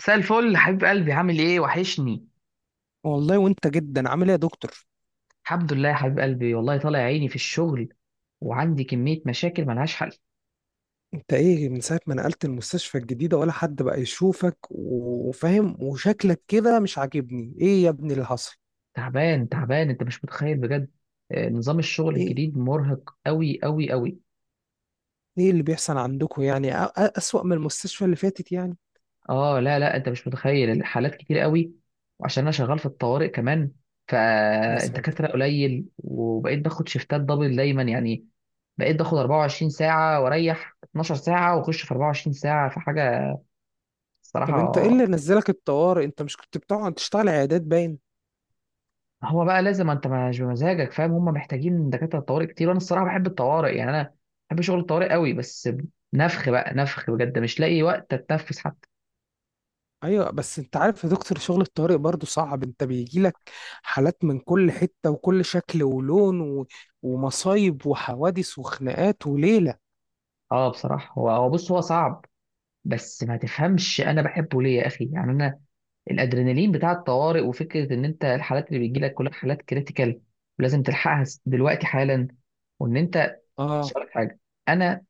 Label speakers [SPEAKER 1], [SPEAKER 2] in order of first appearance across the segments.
[SPEAKER 1] مساء الفل حبيب قلبي، عامل ايه؟ وحشني.
[SPEAKER 2] والله وانت جدا عامل ايه يا دكتور؟
[SPEAKER 1] الحمد لله يا حبيب قلبي، والله طالع عيني في الشغل، وعندي كمية مشاكل ملهاش حل.
[SPEAKER 2] انت ايه من ساعة ما نقلت المستشفى الجديدة ولا حد بقى يشوفك وفاهم، وشكلك كده مش عاجبني. ايه يا ابني اللي حصل؟
[SPEAKER 1] تعبان تعبان، انت مش متخيل بجد. نظام الشغل
[SPEAKER 2] ايه
[SPEAKER 1] الجديد مرهق قوي قوي قوي.
[SPEAKER 2] ايه اللي بيحصل عندكم يعني اسوأ من المستشفى اللي فاتت يعني؟
[SPEAKER 1] اه لا لا، انت مش متخيل، الحالات كتير قوي. وعشان انا شغال في الطوارئ كمان،
[SPEAKER 2] يا ساتر.
[SPEAKER 1] فالدكاترة قليل، وبقيت باخد شيفتات دبل دايما يعني. بقيت باخد 24 ساعة واريح 12 ساعة واخش في 24 ساعة، في حاجة
[SPEAKER 2] طب انت ايه
[SPEAKER 1] الصراحة.
[SPEAKER 2] اللي نزلك الطوارئ؟ انت مش كنت بتقعد تشتغل عيادات باين.
[SPEAKER 1] هو بقى لازم، انت مش بمزاجك، فاهم؟ هم محتاجين دكاتره طوارئ كتير، وانا الصراحه بحب الطوارئ يعني. انا بحب شغل الطوارئ قوي، بس نفخ بقى، نفخ بجد، مش لاقي وقت اتنفس حتى.
[SPEAKER 2] ايوه، بس انت عارف يا دكتور شغل الطوارئ برضه صعب، انت بيجيلك حالات من كل حتة وكل شكل ولون ومصايب وحوادث وخناقات وليلة.
[SPEAKER 1] اه بصراحه هو بص، هو صعب، بس ما تفهمش، انا بحبه ليه يا اخي؟ يعني انا الادرينالين بتاع الطوارئ، وفكره ان انت الحالات اللي بيجي لك كلها حالات كريتيكال ولازم تلحقها دلوقتي حالا، وان انت، مش
[SPEAKER 2] اه.
[SPEAKER 1] هقولك حاجه. انا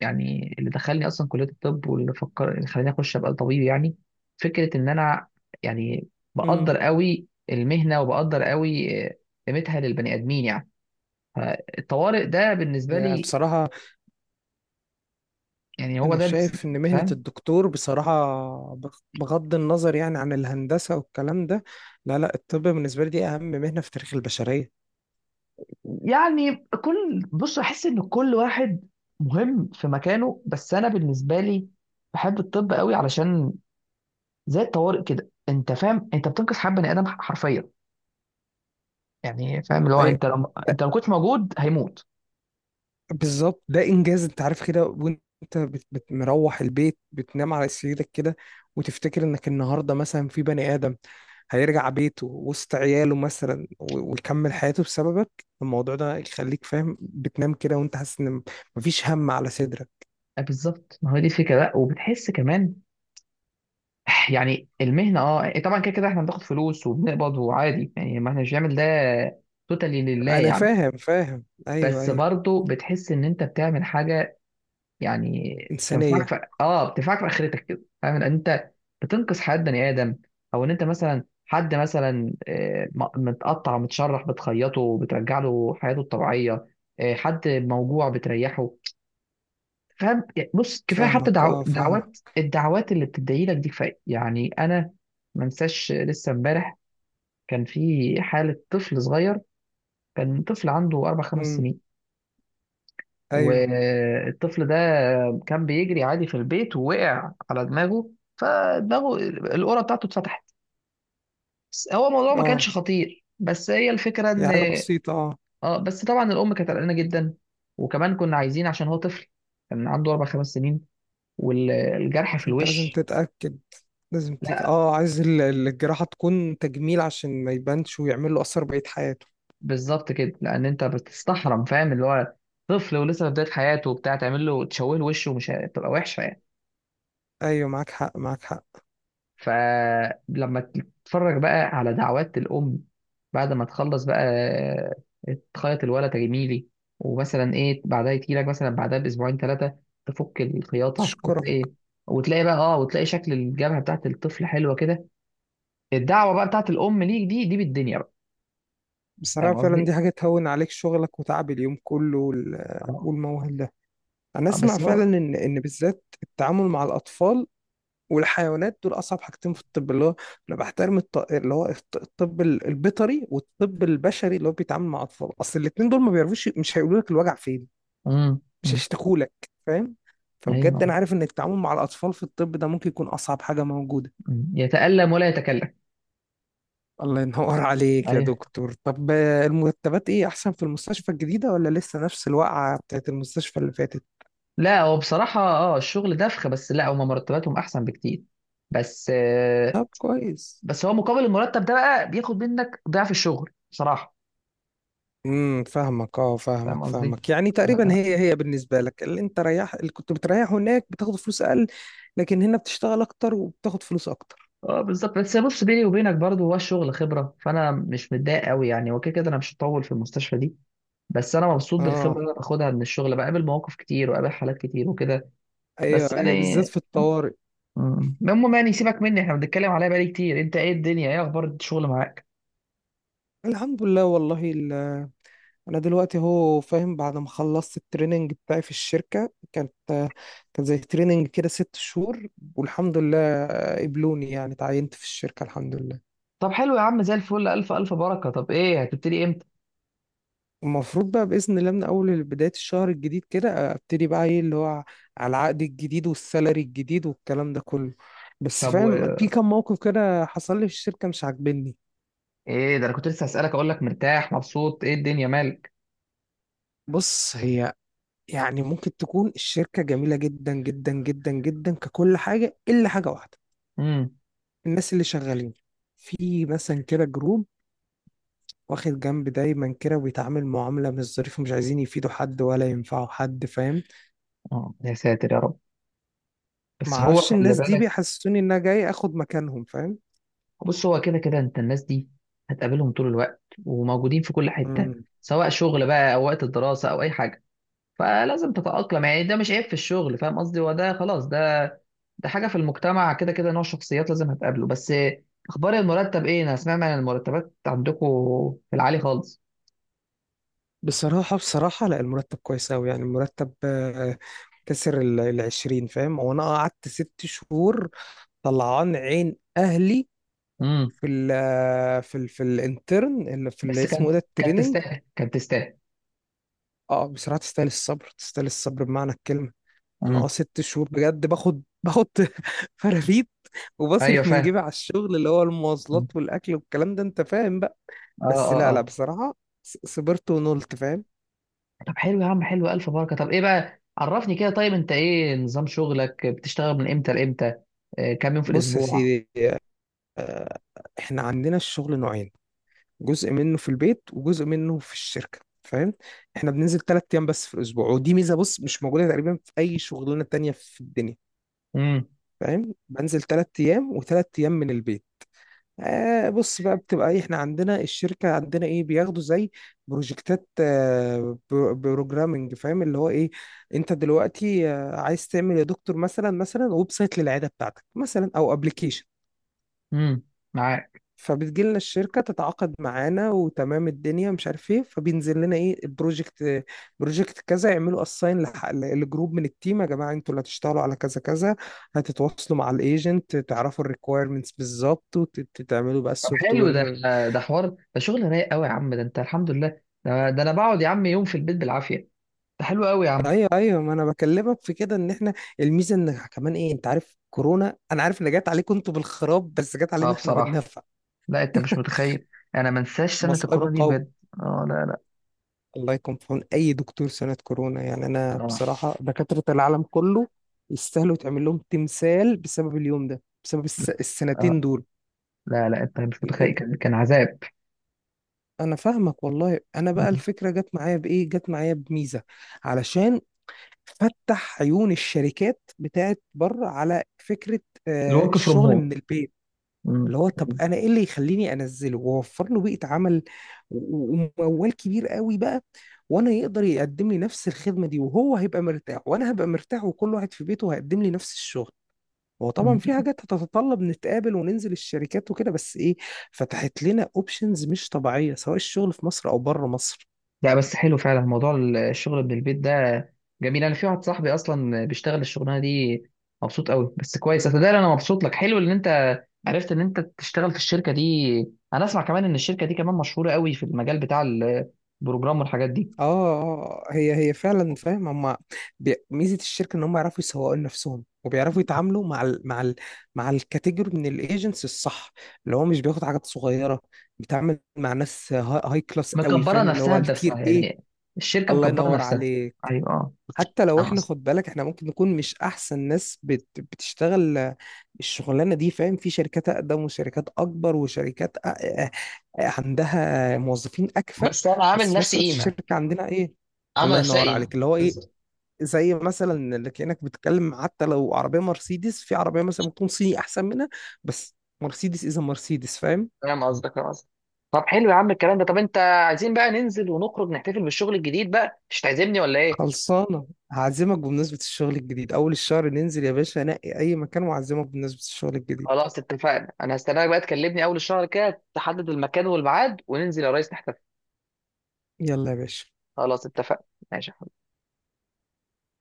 [SPEAKER 1] يعني اللي دخلني اصلا كليه الطب، واللي فكر، اللي خلاني اخش ابقى طبيب يعني، فكره ان انا يعني بقدر قوي المهنه، وبقدر قوي قيمتها للبني ادمين يعني. فالطوارئ ده بالنسبه
[SPEAKER 2] هي
[SPEAKER 1] لي
[SPEAKER 2] بصراحة،
[SPEAKER 1] يعني،
[SPEAKER 2] أنا شايف إن مهنة
[SPEAKER 1] فاهم؟
[SPEAKER 2] الدكتور بصراحة، بغض النظر يعني عن الهندسة والكلام ده، لا لا، الطب بالنسبة لي دي أهم مهنة في تاريخ البشرية.
[SPEAKER 1] يعني كل، بص، احس ان كل واحد مهم في مكانه، بس انا بالنسبه لي بحب الطب قوي، علشان زي الطوارئ كده، انت فاهم، انت بتنقذ حياه بني ادم حرفيا يعني. فاهم اللي هو
[SPEAKER 2] أي،
[SPEAKER 1] انت لو، ما كنتش موجود هيموت.
[SPEAKER 2] بالظبط، ده إنجاز. أنت عارف كده، وأنت مروح البيت بتنام على سريرك كده، وتفتكر إنك النهاردة مثلا في بني آدم هيرجع بيته وسط عياله مثلا ويكمل حياته بسببك. الموضوع ده يخليك فاهم بتنام كده وأنت حاسس إن مفيش هم على صدرك.
[SPEAKER 1] بالظبط، ما هو دي الفكره بقى. وبتحس كمان يعني المهنه، اه إيه، طبعا كده كده احنا بناخد فلوس وبنقبض وعادي يعني، ما احنا مش بنعمل ده توتالي لله
[SPEAKER 2] أنا
[SPEAKER 1] يعني.
[SPEAKER 2] فاهم فاهم، أيوه
[SPEAKER 1] بس
[SPEAKER 2] أيوه.
[SPEAKER 1] برضه بتحس ان انت بتعمل حاجه يعني تنفعك
[SPEAKER 2] إنسانية.
[SPEAKER 1] في، بتنفعك في اخرتك كده. فاهم ان انت بتنقذ حياه بني ادم، او ان انت مثلا حد مثلا متقطع ومتشرح بتخيطه وبترجع له حياته الطبيعيه. حد موجوع بتريحه. فاهم يعني؟ بص، كفايه حتى
[SPEAKER 2] فاهمك
[SPEAKER 1] دعو...
[SPEAKER 2] اه
[SPEAKER 1] دعوات
[SPEAKER 2] فاهمك.
[SPEAKER 1] الدعوات اللي بتدعي لك دي، كفايه يعني. انا ما انساش لسه امبارح كان في حاله طفل صغير، كان طفل عنده اربع خمس
[SPEAKER 2] امم.
[SPEAKER 1] سنين
[SPEAKER 2] أيوه.
[SPEAKER 1] والطفل ده كان بيجري عادي في البيت ووقع على دماغه، فدماغه القرة بتاعته اتفتحت. بس هو الموضوع ما
[SPEAKER 2] اه،
[SPEAKER 1] كانش خطير، بس هي الفكره
[SPEAKER 2] هي
[SPEAKER 1] ان،
[SPEAKER 2] حاجة بسيطة اه.
[SPEAKER 1] اه، بس طبعا الام كانت قلقانه جدا. وكمان كنا عايزين، عشان هو طفل كان عنده 4 5 سنين والجرح في
[SPEAKER 2] فأنت لازم
[SPEAKER 1] الوش.
[SPEAKER 2] تتأكد، لازم تت...
[SPEAKER 1] لا
[SPEAKER 2] اه عايز الجراحة تكون تجميل عشان ما يبانش ويعمل له أثر بقية حياته.
[SPEAKER 1] بالظبط كده، لان انت بتستحرم. فاهم اللي هو طفل ولسه في بدايه حياته وبتاع، تعمل له تشوه، له وشه ومش هتبقى وحشه يعني.
[SPEAKER 2] أيوه، معاك حق معاك حق.
[SPEAKER 1] فلما تتفرج بقى على دعوات الام بعد ما تخلص بقى، تخيط الولد جميلي، ومثلا ايه، بعدها يجي لك مثلا بعدها باسبوعين ثلاثه تفك الخياطه،
[SPEAKER 2] أشكرك.
[SPEAKER 1] وتلاقي وتلاقي بقى اه وتلاقي شكل الجبهه بتاعت الطفل حلوه كده، الدعوه بقى بتاعت الام ليك دي، دي بالدنيا بقى.
[SPEAKER 2] بصراحة
[SPEAKER 1] فاهم
[SPEAKER 2] فعلا دي
[SPEAKER 1] قصدي؟
[SPEAKER 2] حاجة تهون عليك شغلك وتعب اليوم كله
[SPEAKER 1] اه.
[SPEAKER 2] والموال ده. أنا أسمع
[SPEAKER 1] بس
[SPEAKER 2] فعلا
[SPEAKER 1] هو،
[SPEAKER 2] إن إن بالذات التعامل مع الأطفال والحيوانات دول اصعب حاجتين في الطب، اللي هو انا بحترم اللي هو الطب البيطري والطب البشري اللي هو بيتعامل مع اطفال، اصل الاتنين دول ما بيعرفوش، مش هيقولوا لك الوجع فين، مش
[SPEAKER 1] أمم،
[SPEAKER 2] هيشتكوا لك، فاهم. فبجد انا
[SPEAKER 1] ايوه،
[SPEAKER 2] عارف ان التعامل مع الاطفال في الطب ده ممكن يكون اصعب حاجه موجوده.
[SPEAKER 1] يتألم ولا يتكلم.
[SPEAKER 2] الله ينور عليك يا
[SPEAKER 1] ايوه،
[SPEAKER 2] دكتور. طب المرتبات ايه، احسن في المستشفى الجديده ولا لسه نفس الوقعه بتاعت المستشفى اللي فاتت؟
[SPEAKER 1] لا هو بصراحة، اه، الشغل دفخ، بس لا هما مرتباتهم احسن بكتير. بس
[SPEAKER 2] طب كويس.
[SPEAKER 1] بس هو مقابل المرتب ده بقى بياخد منك ضعف الشغل بصراحة.
[SPEAKER 2] امم، فاهمك اه
[SPEAKER 1] فاهم
[SPEAKER 2] فاهمك
[SPEAKER 1] قصدي؟
[SPEAKER 2] فاهمك. يعني تقريبا
[SPEAKER 1] اه.
[SPEAKER 2] هي بالنسبه لك اللي انت ريح اللي كنت بتريحه هناك بتاخد فلوس اقل، لكن هنا بتشتغل اكتر وبتاخد فلوس اكتر.
[SPEAKER 1] بالظبط. بس بص، بيني وبينك برضو، هو الشغل خبرة، فانا مش متضايق قوي يعني. هو كده كده انا مش هطول في المستشفى دي، بس انا مبسوط بالخبره
[SPEAKER 2] اه.
[SPEAKER 1] اللي انا باخدها من الشغل، بقابل مواقف كتير وقابل حالات كتير وكده.
[SPEAKER 2] ايوه
[SPEAKER 1] بس
[SPEAKER 2] ايوه،
[SPEAKER 1] يعني
[SPEAKER 2] بالذات في الطوارئ.
[SPEAKER 1] المهم يعني، سيبك مني، احنا بنتكلم عليها بقالي كتير. انت ايه الدنيا؟ ايه اخبار الشغل معاك؟
[SPEAKER 2] الحمد لله والله انا دلوقتي، هو فاهم، بعد ما خلصت التريننج بتاعي في الشركه، كانت كان زي تريننج كده 6 شهور، والحمد لله قبلوني، يعني تعينت في الشركه، الحمد لله.
[SPEAKER 1] طب حلو يا عم، زي الفل، الف الف بركه. طب ايه، هتبتدي امتى؟
[SPEAKER 2] المفروض بقى بإذن الله من أول بداية الشهر الجديد كده أبتدي بقى إيه اللي هو، على العقد الجديد والسالري الجديد والكلام ده كله. بس
[SPEAKER 1] طب
[SPEAKER 2] فاهم
[SPEAKER 1] و...
[SPEAKER 2] في كام موقف كده حصل لي في الشركة مش عاجبني.
[SPEAKER 1] ايه ده، انا كنت لسه هسالك اقول لك مرتاح مبسوط، ايه الدنيا مالك؟
[SPEAKER 2] بص، هي يعني ممكن تكون الشركة جميلة جدا جدا جدا جدا ككل حاجة، إلا حاجة واحدة:
[SPEAKER 1] امم.
[SPEAKER 2] الناس اللي شغالين في مثلا كده جروب واخد جنب دايما كده، وبيتعامل معاملة مش ظريفة، مش عايزين يفيدوا حد ولا ينفعوا حد، فاهم.
[SPEAKER 1] اه يا ساتر يا رب، بس هو
[SPEAKER 2] معرفش،
[SPEAKER 1] خلي
[SPEAKER 2] الناس دي
[SPEAKER 1] بالك.
[SPEAKER 2] بيحسسوني إن أنا جاي آخد مكانهم، فاهم.
[SPEAKER 1] بص، هو كده كده انت الناس دي هتقابلهم طول الوقت، وموجودين في كل حته،
[SPEAKER 2] مم.
[SPEAKER 1] سواء شغل بقى، او وقت الدراسه، او اي حاجه. فلازم تتاقلم يعني، ده مش عيب في الشغل. فاهم قصدي؟ هو ده، خلاص، ده ده حاجه في المجتمع كده كده. نوع شخصيات لازم هتقابله. بس اخبار المرتب ايه؟ انا سمعت عن المرتبات عندكم في العالي خالص.
[SPEAKER 2] بصراحة بصراحة، لا المرتب كويس أوي، يعني المرتب كسر 20، فاهم. هو أنا قعدت 6 شهور طلعان عين أهلي
[SPEAKER 1] إمم.
[SPEAKER 2] في ال آه، في ال في الانترن، اللي في اللي
[SPEAKER 1] بس
[SPEAKER 2] اسمه إيه
[SPEAKER 1] كانت،
[SPEAKER 2] ده،
[SPEAKER 1] كانت
[SPEAKER 2] التريننج.
[SPEAKER 1] تستاهل، كانت تستاهل.
[SPEAKER 2] اه بصراحة تستاهل الصبر، تستاهل الصبر بمعنى الكلمة. أنا اه
[SPEAKER 1] امم،
[SPEAKER 2] 6 شهور بجد باخد فرافيت،
[SPEAKER 1] ايوه
[SPEAKER 2] وبصرف من
[SPEAKER 1] فاهم.
[SPEAKER 2] جيبي على الشغل، اللي هو
[SPEAKER 1] مم.
[SPEAKER 2] المواصلات والأكل والكلام ده أنت فاهم بقى.
[SPEAKER 1] اه
[SPEAKER 2] بس
[SPEAKER 1] اه
[SPEAKER 2] لا لا
[SPEAKER 1] اه
[SPEAKER 2] بصراحة، صبرت ونولت، فاهم.
[SPEAKER 1] طب حلو يا عم، حلو، الف بركه. طب ايه بقى، عرفني كده، طيب انت ايه نظام شغلك؟ بتشتغل من امتى لامتى؟ آه كام يوم في
[SPEAKER 2] بص يا
[SPEAKER 1] الاسبوع؟
[SPEAKER 2] سيدي، احنا عندنا الشغل نوعين: جزء منه في البيت وجزء منه في الشركة، فاهم. احنا بننزل 3 ايام بس في الاسبوع، ودي ميزة بص مش موجودة تقريبا في اي شغلانة تانية في الدنيا،
[SPEAKER 1] امم،
[SPEAKER 2] فاهم. بنزل 3 ايام و3 ايام من البيت. آه بص بقى، بتبقى ايه، احنا عندنا الشركة عندنا ايه بياخدوا زي بروجكتات، آه بروجرامنج، فاهم اللي هو ايه. انت دلوقتي آه عايز تعمل يا دكتور مثلا مثلا ويب سايت للعيادة بتاعتك مثلا او ابلكيشن،
[SPEAKER 1] امم، معاك.
[SPEAKER 2] فبتجي لنا الشركة تتعاقد معانا وتمام الدنيا مش عارف ايه، فبينزل لنا ايه البروجكت. بروجكت كذا، يعملوا اساين لجروب من التيم، يا جماعة انتوا اللي هتشتغلوا على كذا كذا، هتتواصلوا مع الايجنت تعرفوا الريكويرمنتس بالظبط، وتعملوا بقى
[SPEAKER 1] طب
[SPEAKER 2] السوفت
[SPEAKER 1] حلو ده،
[SPEAKER 2] وير.
[SPEAKER 1] ده حوار، ده شغل رايق قوي يا عم، ده انت الحمد لله. ده انا بقعد يا عم يوم في البيت بالعافيه. ده حلو قوي يا عم.
[SPEAKER 2] ايوه ايوه، ما انا بكلمك في كده، ان احنا الميزة ان كمان ايه، انت عارف كورونا، انا عارف ان جت عليكم انتوا بالخراب بس جت
[SPEAKER 1] اه
[SPEAKER 2] علينا احنا
[SPEAKER 1] بصراحه،
[SPEAKER 2] بالنفع.
[SPEAKER 1] لا انت مش متخيل، انا ما انساش سنه
[SPEAKER 2] مصائب
[SPEAKER 1] الكورونا دي
[SPEAKER 2] القوم.
[SPEAKER 1] بجد. اه لا لا.
[SPEAKER 2] الله يكون في عون اي دكتور سنة كورونا، يعني انا
[SPEAKER 1] اه
[SPEAKER 2] بصراحة دكاترة العالم كله يستاهلوا يتعمل لهم تمثال بسبب اليوم ده، بسبب
[SPEAKER 1] لا.
[SPEAKER 2] السنتين
[SPEAKER 1] آه.
[SPEAKER 2] دول.
[SPEAKER 1] لا، لا، انت مش
[SPEAKER 2] ال-
[SPEAKER 1] متخيل،
[SPEAKER 2] ال-
[SPEAKER 1] كان، كان عذاب.
[SPEAKER 2] انا فاهمك والله. انا بقى
[SPEAKER 1] مم.
[SPEAKER 2] الفكرة جت معايا بايه، جت معايا بميزة، علشان فتح عيون الشركات بتاعت بره على فكرة،
[SPEAKER 1] الورك فروم
[SPEAKER 2] الشغل
[SPEAKER 1] هوم.
[SPEAKER 2] من البيت،
[SPEAKER 1] مم.
[SPEAKER 2] اللي هو طب انا ايه اللي يخليني انزله واوفر له بيئه عمل وموال كبير قوي بقى، وانا يقدر يقدم لي نفس الخدمه دي، وهو هيبقى مرتاح وانا هبقى مرتاح، وكل واحد في بيته هيقدم لي نفس الشغل. هو طبعا في
[SPEAKER 1] مم.
[SPEAKER 2] حاجات هتتطلب نتقابل وننزل الشركات وكده، بس ايه، فتحت لنا اوبشنز مش طبيعيه، سواء الشغل في مصر او بره مصر.
[SPEAKER 1] لا بس حلو فعلا موضوع الشغل من البيت ده، جميل. انا في واحد صاحبي اصلا بيشتغل الشغلانه دي، مبسوط قوي. بس كويس، اتدرى، انا مبسوط لك، حلو ان انت عرفت ان انت تشتغل في الشركه دي. انا اسمع كمان ان الشركه دي كمان مشهوره قوي في المجال بتاع البروجرام والحاجات دي.
[SPEAKER 2] اه اه، هي فعلا فاهم. هم ميزه الشركه ان هم يعرفوا يسوقوا لنفسهم، وبيعرفوا يتعاملوا مع مع الكاتيجوري من الايجنتس الصح، اللي هو مش بياخد حاجات صغيره، بيتعامل مع ناس هاي, هاي كلاس قوي،
[SPEAKER 1] مكبره
[SPEAKER 2] فاهم اللي هو
[SPEAKER 1] نفسها بنفسها
[SPEAKER 2] التير ايه.
[SPEAKER 1] يعني، الشركه
[SPEAKER 2] الله
[SPEAKER 1] مكبره
[SPEAKER 2] ينور
[SPEAKER 1] نفسها.
[SPEAKER 2] عليك.
[SPEAKER 1] ايوه، اه،
[SPEAKER 2] حتى لو
[SPEAKER 1] فاهم
[SPEAKER 2] احنا
[SPEAKER 1] قصدي.
[SPEAKER 2] خد بالك، احنا ممكن نكون مش احسن ناس بتشتغل الشغلانه دي، فاهم. في شركات اقدم وشركات اكبر وشركات عندها موظفين اكفأ،
[SPEAKER 1] بس انا عامل
[SPEAKER 2] بس في
[SPEAKER 1] نفسي
[SPEAKER 2] نفس الوقت
[SPEAKER 1] قيمه،
[SPEAKER 2] الشركه عندنا ايه،
[SPEAKER 1] عامل
[SPEAKER 2] الله
[SPEAKER 1] نفسها
[SPEAKER 2] ينور
[SPEAKER 1] قيمه.
[SPEAKER 2] عليك، اللي هو ايه، زي مثلا اللي كأنك بتتكلم حتى لو عربيه مرسيدس، في عربيه مثلا ممكن تكون صيني احسن منها، بس مرسيدس اذا مرسيدس، فاهم.
[SPEAKER 1] فاهم قصدك، فاهم قصدك. طب حلو يا عم الكلام ده. طب انت، عايزين بقى ننزل ونخرج نحتفل بالشغل الجديد بقى، مش هتعزمني ولا ايه؟
[SPEAKER 2] خلصانه، هعزمك بمناسبه الشغل الجديد. اول الشهر ننزل يا باشا، نقي اي مكان وأعزمك بمناسبه الشغل الجديد.
[SPEAKER 1] خلاص اتفقنا، انا هستناك بقى، تكلمني اول الشهر كده، تحدد المكان والميعاد وننزل يا ريس نحتفل.
[SPEAKER 2] يلا يا باشا.
[SPEAKER 1] خلاص اتفقنا. ماشي.